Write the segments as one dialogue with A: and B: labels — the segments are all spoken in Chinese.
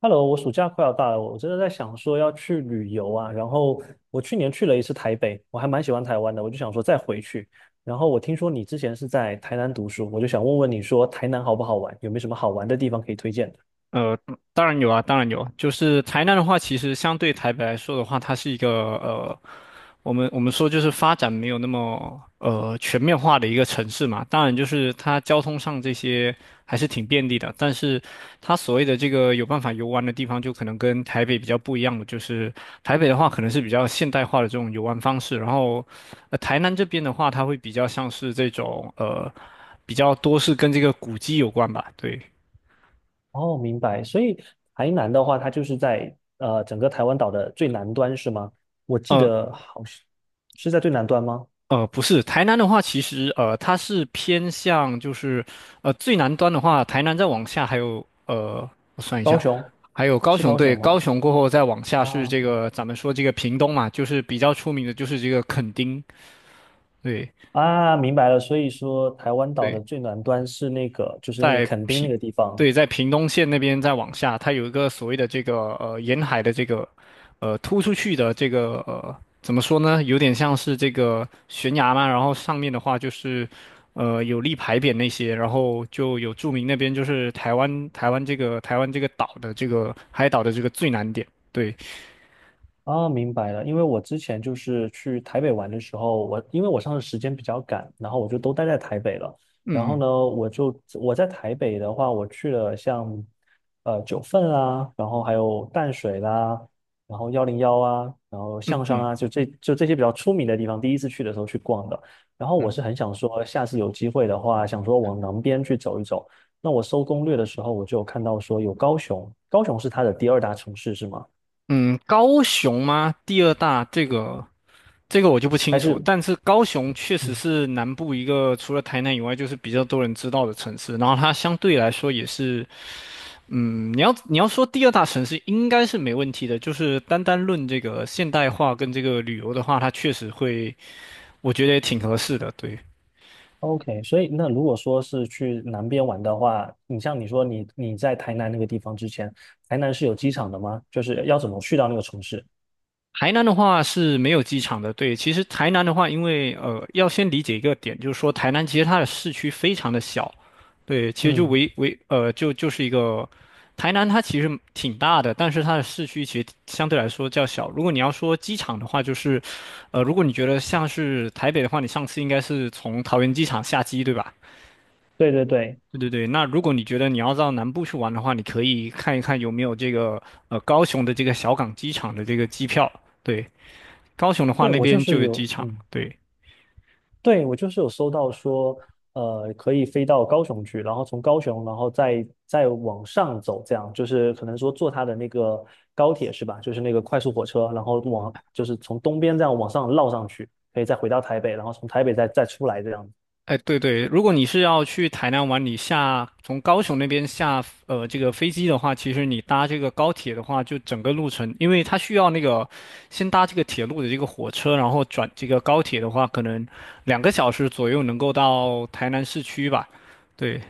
A: Hello，我暑假快要到了，我真的在想说要去旅游啊。然后我去年去了一次台北，我还蛮喜欢台湾的，我就想说再回去。然后我听说你之前是在台南读书，我就想问问你说台南好不好玩，有没有什么好玩的地方可以推荐的？
B: 呃，当然有啊，当然有。就是台南的话，其实相对台北来说的话，它是一个呃，我们说就是发展没有那么全面化的一个城市嘛。当然，就是它交通上这些还是挺便利的，但是它所谓的这个有办法游玩的地方，就可能跟台北比较不一样的，就是台北的话可能是比较现代化的这种游玩方式，然后台南这边的话，它会比较像是这种比较多是跟这个古迹有关吧，对。
A: 哦，明白。所以台南的话，它就是在整个台湾岛的最南端是吗？我记
B: 呃。
A: 得好像是在最南端吗？
B: 不是，台南的话，其实它是偏向就是最南端的话，台南再往下还有我算一
A: 高
B: 下，
A: 雄
B: 还有高
A: 是
B: 雄，
A: 高
B: 对，
A: 雄吗？
B: 高雄过后再往下是
A: 啊，
B: 这个咱们说这个屏东嘛，就是比较出名的就是这个垦丁，对
A: 啊，明白了。所以说，台湾岛的
B: 对，
A: 最南端是那个，就是那个
B: 在
A: 垦丁
B: 屏，
A: 那个地方。
B: 对，在屏东县那边再往下，它有一个所谓的这个沿海的这个突出去的这个怎么说呢？有点像是这个悬崖嘛，然后上面的话就是有立牌匾那些，然后就有注明那边就是台湾这个岛的这个海岛的这个最南点。对，
A: 啊，明白了。因为我之前就是去台北玩的时候，我因为我上次时间比较赶，然后我就都待在台北了。然
B: 嗯
A: 后
B: 嗯
A: 呢，我在台北的话，我去了像九份啊，然后还有淡水啦，然后101啊，然后象山
B: 嗯
A: 啊，就这些比较出名的地方，第一次去的时候去逛的。然后我
B: 嗯。
A: 是很想说，下次有机会的话，想说往南边去走一走。那我搜攻略的时候，我就有看到说有高雄，高雄是它的第二大城市是吗？
B: 嗯，高雄吗？第二大这个我就不清
A: 还
B: 楚，
A: 是？
B: 但是高雄确实
A: 嗯？
B: 是南部一个除了台南以外，就是比较多人知道的城市。然后它相对来说也是，嗯，你要说第二大城市应该是没问题的，就是单单论这个现代化跟这个旅游的话，它确实会，我觉得也挺合适的。对，
A: OK，所以那如果说是去南边玩的话，你像你说你在台南那个地方之前，台南是有机场的吗？就是要怎么去到那个城市？
B: 台南的话是没有机场的，对。其实台南的话，因为要先理解一个点，就是说台南其实它的市区非常的小，对，其实就
A: 嗯，
B: 围围呃，就是一个台南它其实挺大的，但是它的市区其实相对来说较小。如果你要说机场的话，就是如果你觉得像是台北的话，你上次应该是从桃园机场下机，对吧？
A: 对对对，
B: 对对对，那如果你觉得你要到南部去玩的话，你可以看一看有没有这个高雄的这个小港机场的这个机票，对。高雄的话，
A: 对
B: 那
A: 我就
B: 边
A: 是
B: 就有机
A: 有，
B: 场。
A: 嗯，
B: 对，
A: 对我就是有搜到说，可以飞到高雄去，然后从高雄，然后再往上走，这样就是可能说坐它的那个高铁是吧？就是那个快速火车，然后往就是从东边这样往上绕上去，可以再回到台北，然后从台北再出来这样。
B: 哎，对对，如果你是要去台南玩，你从高雄那边下这个飞机的话，其实你搭这个高铁的话，就整个路程，因为它需要那个先搭这个铁路的这个火车，然后转这个高铁的话，可能2个小时左右能够到台南市区吧。对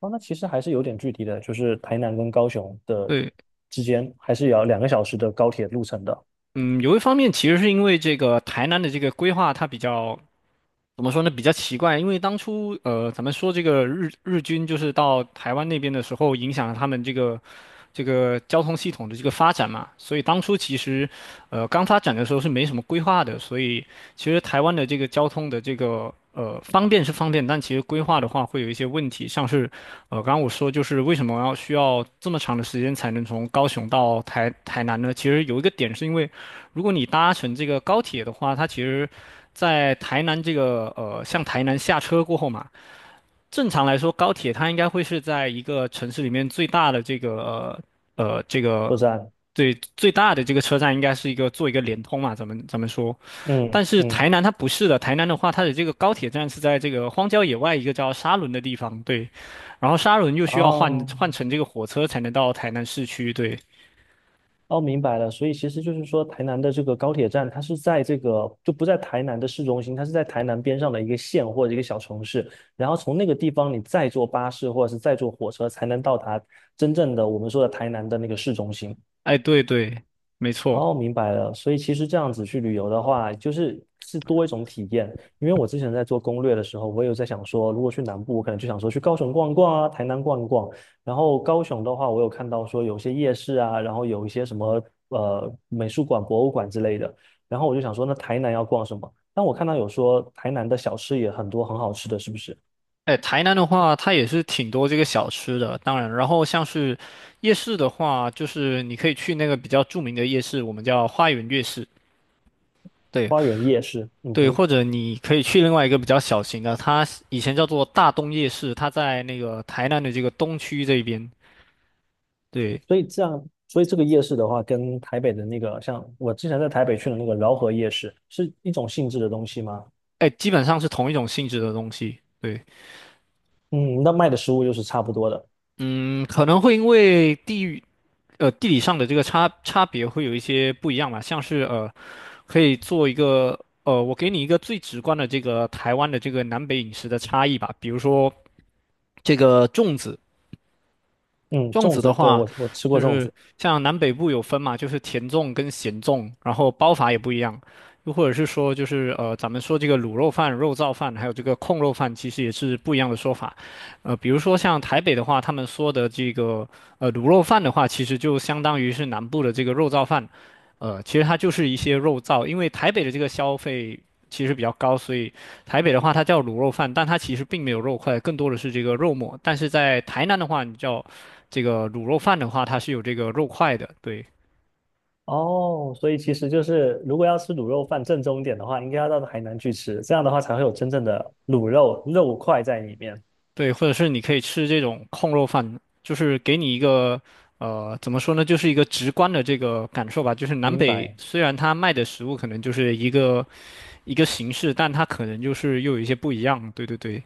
A: 哦，那其实还是有点距离的，就是台南跟高雄的
B: 对，
A: 之间，还是有2个小时的高铁路程的
B: 嗯，有一方面其实是因为这个台南的这个规划它比较怎么说呢？比较奇怪，因为当初咱们说这个日军就是到台湾那边的时候，影响了他们这个交通系统的这个发展嘛，所以当初其实刚发展的时候是没什么规划的，所以其实台湾的这个交通的这个方便是方便，但其实规划的话会有一些问题，像是刚刚我说就是为什么要需要这么长的时间才能从高雄到台南呢？其实有一个点是因为如果你搭乘这个高铁的话，它其实在台南这个向台南下车过后嘛，正常来说，高铁它应该会是在一个城市里面最大的这个呃呃这
A: 车
B: 个
A: 站。
B: 对，最大的这个车站，应该是一个做一个联通嘛，咱们说。
A: 嗯
B: 但是台
A: 嗯，
B: 南它不是的，台南的话，它的这个高铁站是在这个荒郊野外一个叫沙仑的地方，对。然后沙仑又需要换
A: 哦
B: 换乘这个火车才能到台南市区，对。
A: 哦，明白了。所以其实就是说，台南的这个高铁站，它是在这个就不在台南的市中心，它是在台南边上的一个县或者一个小城市。然后从那个地方，你再坐巴士或者是再坐火车，才能到达真正的我们说的台南的那个市中心。
B: 哎，对对，没
A: 哦，
B: 错。
A: 明白了。所以其实这样子去旅游的话，就是是多一种体验。因为我之前在做攻略的时候，我有在想说，如果去南部，我可能就想说去高雄逛一逛啊，台南逛一逛。然后高雄的话，我有看到说有些夜市啊，然后有一些什么美术馆、博物馆之类的。然后我就想说，那台南要逛什么？但我看到有说台南的小吃也很多，很好吃的，是不是？
B: 哎，台南的话，它也是挺多这个小吃的。当然，然后像是夜市的话，就是你可以去那个比较著名的夜市，我们叫花园夜市。对
A: 花园夜市，嗯
B: 对，
A: 哼。
B: 或者你可以去另外一个比较小型的，它以前叫做大东夜市，它在那个台南的这个东区这边。对，
A: 所以这样，所以这个夜市的话，跟台北的那个，像我之前在台北去的那个饶河夜市，是一种性质的东西吗？
B: 哎，基本上是同一种性质的东西。对，
A: 嗯，那卖的食物又是差不多的。
B: 嗯，可能会因为地域地理上的这个差别会有一些不一样吧，像是。可以做一个，我给你一个最直观的这个台湾的这个南北饮食的差异吧。比如说这个粽子，
A: 嗯，
B: 粽
A: 粽
B: 子的
A: 子，对，
B: 话，
A: 我吃
B: 就
A: 过粽
B: 是
A: 子。
B: 像南北部有分嘛，就是甜粽跟咸粽，然后包法也不一样。又或者是说，就是咱们说这个卤肉饭、肉燥饭，还有这个控肉饭，其实也是不一样的说法。比如说像台北的话，他们说的这个卤肉饭的话，其实就相当于是南部的这个肉燥饭。其实它就是一些肉燥，因为台北的这个消费其实比较高，所以台北的话它叫卤肉饭，但它其实并没有肉块，更多的是这个肉末。但是在台南的话，你叫这个卤肉饭的话，它是有这个肉块的，对
A: 哦，所以其实就是，如果要吃卤肉饭正宗一点的话，应该要到海南去吃，这样的话才会有真正的卤肉肉块在里面。
B: 对，或者是你可以吃这种控肉饭，就是给你一个怎么说呢，就是一个直观的这个感受吧。就是南
A: 明
B: 北
A: 白。
B: 虽然它卖的食物可能就是一个形式，但它可能就是又有一些不一样。对对对，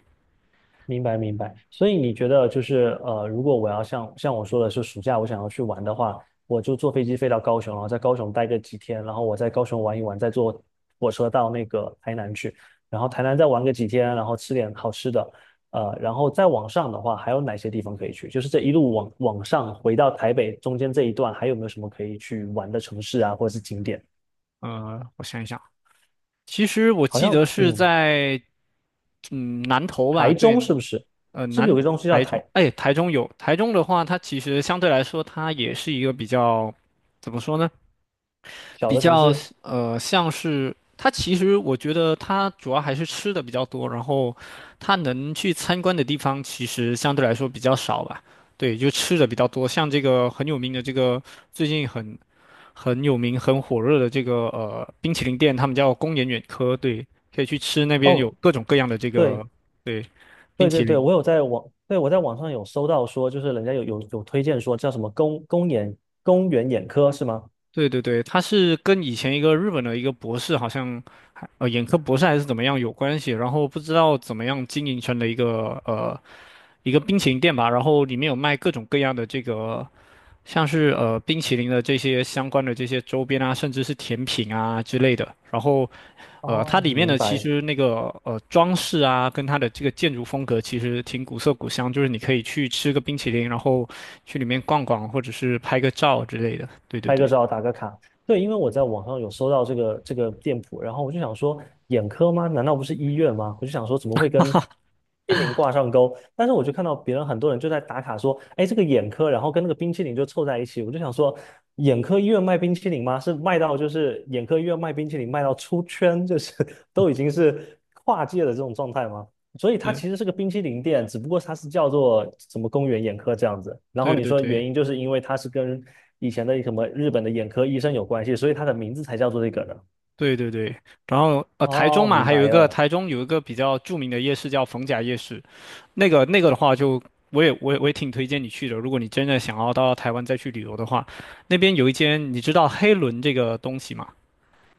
A: 明白明白，所以你觉得就是呃，如果我要像我说的是暑假我想要去玩的话，我就坐飞机飞到高雄，然后在高雄待个几天，然后我在高雄玩一玩，再坐火车到那个台南去，然后台南再玩个几天，然后吃点好吃的，然后再往上的话，还有哪些地方可以去？就是这一路往上回到台北中间这一段，还有没有什么可以去玩的城市啊，或者是景点？
B: 我想一想，其实我
A: 好
B: 记
A: 像
B: 得是
A: 嗯，
B: 在南投吧，
A: 台
B: 对，
A: 中是不是？
B: 呃
A: 是不是有
B: 南
A: 个东西叫
B: 台中，
A: 台？
B: 哎，台中的话，它其实相对来说它也是一个比较。怎么说呢？
A: 小
B: 比
A: 的城
B: 较
A: 市？
B: 像是它其实我觉得它主要还是吃的比较多，然后它能去参观的地方其实相对来说比较少吧。对，就吃的比较多，像这个很有名的这个最近很有名很火热的这个冰淇淋店，他们叫宫岩远科，对，可以去吃那边有
A: 哦。
B: 各种各样的这个，
A: 对，
B: 对，冰
A: 对对
B: 淇
A: 对，
B: 淋。
A: 我有在网，对，我在网上有搜到说，就是人家有推荐说叫什么公园眼科是吗？
B: 对对对，他是跟以前一个日本的一个博士，好像还眼科博士还是怎么样有关系，然后不知道怎么样经营成了一个冰淇淋店吧，然后里面有卖各种各样的这个像是冰淇淋的这些相关的这些周边啊，甚至是甜品啊之类的，然后它
A: 哦，
B: 里面的
A: 明
B: 其
A: 白。
B: 实那个装饰啊，跟它的这个建筑风格其实挺古色古香，就是你可以去吃个冰淇淋，然后去里面逛逛，或者是拍个照之类的。对对
A: 拍个
B: 对。
A: 照打个卡。对，因为我在网上有搜到这个店铺，然后我就想说，眼科吗？难道不是医院吗？我就想说，怎么会跟冰淇淋挂上钩？但是我就看到别人很多人就在打卡说，哎，这个眼科，然后跟那个冰淇淋就凑在一起。我就想说，眼科医院卖冰淇淋吗？是卖到就是眼科医院卖冰淇淋卖到出圈，就是 都已经是跨界的这种状态吗？所以它
B: 嗯。
A: 其实是个冰淇淋店，只不过它是叫做什么公园眼科这样子。然后
B: 对
A: 你
B: 对
A: 说
B: 对
A: 原因就是因为它是跟以前的什么日本的眼科医生有关系，所以它的名字才叫做这个的。
B: 对对对，然后台中
A: 哦，
B: 嘛，
A: 明
B: 还有
A: 白
B: 一个
A: 了。
B: 台中有一个比较著名的夜市叫逢甲夜市，那个的话就，我也挺推荐你去的。如果你真的想要到台湾再去旅游的话，那边有一间你知道黑轮这个东西吗？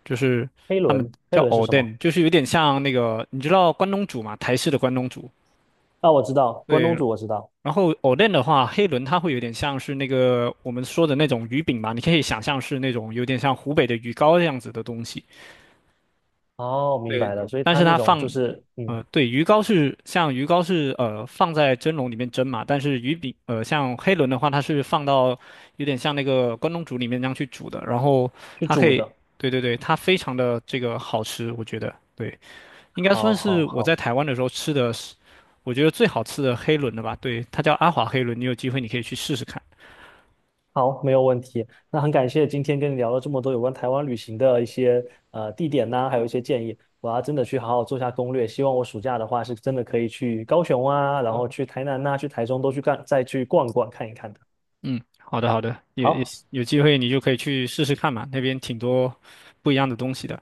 B: 就是
A: 黑
B: 他们
A: 轮，黑
B: 叫
A: 轮是什
B: Oden，
A: 么？
B: l 就是有点像那个你知道关东煮嘛，台式的关东煮。
A: 啊，我知道，关
B: 对，
A: 东煮我知道。
B: 然后 Oden l 的话，黑轮它会有点像是那个我们说的那种鱼饼嘛，你可以想象是那种有点像湖北的鱼糕这样子的东西。
A: 哦，明
B: 对，
A: 白了。所以
B: 但
A: 它
B: 是
A: 那
B: 它
A: 种就
B: 放，
A: 是嗯，
B: 呃，对，鱼糕是放在蒸笼里面蒸嘛，但是鱼饼像黑轮的话，它是放到有点像那个关东煮里面那样去煮的，然后
A: 去
B: 它可
A: 煮
B: 以，
A: 的。
B: 对对对，它非常的这个好吃，我觉得，对，应该
A: 好，
B: 算
A: 好，
B: 是我在
A: 好。
B: 台湾的时候吃的是，我觉得最好吃的黑轮了吧，对，它叫阿华黑轮，你有机会你可以去试试看。
A: 好，没有问题。那很感谢今天跟你聊了这么多有关台湾旅行的一些地点呐、还有一些建议。我要真的去好好做下攻略。希望我暑假的话是真的可以去高雄啊，然后去台南呐、去台中都去干，再去逛一逛看一看的。
B: 嗯，好的好的，
A: 好，
B: 有机会你就可以去试试看嘛，那边挺多不一样的东西的。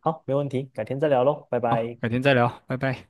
A: 好，没问题，改天再聊喽，拜
B: 好，
A: 拜。
B: 改天再聊，拜拜。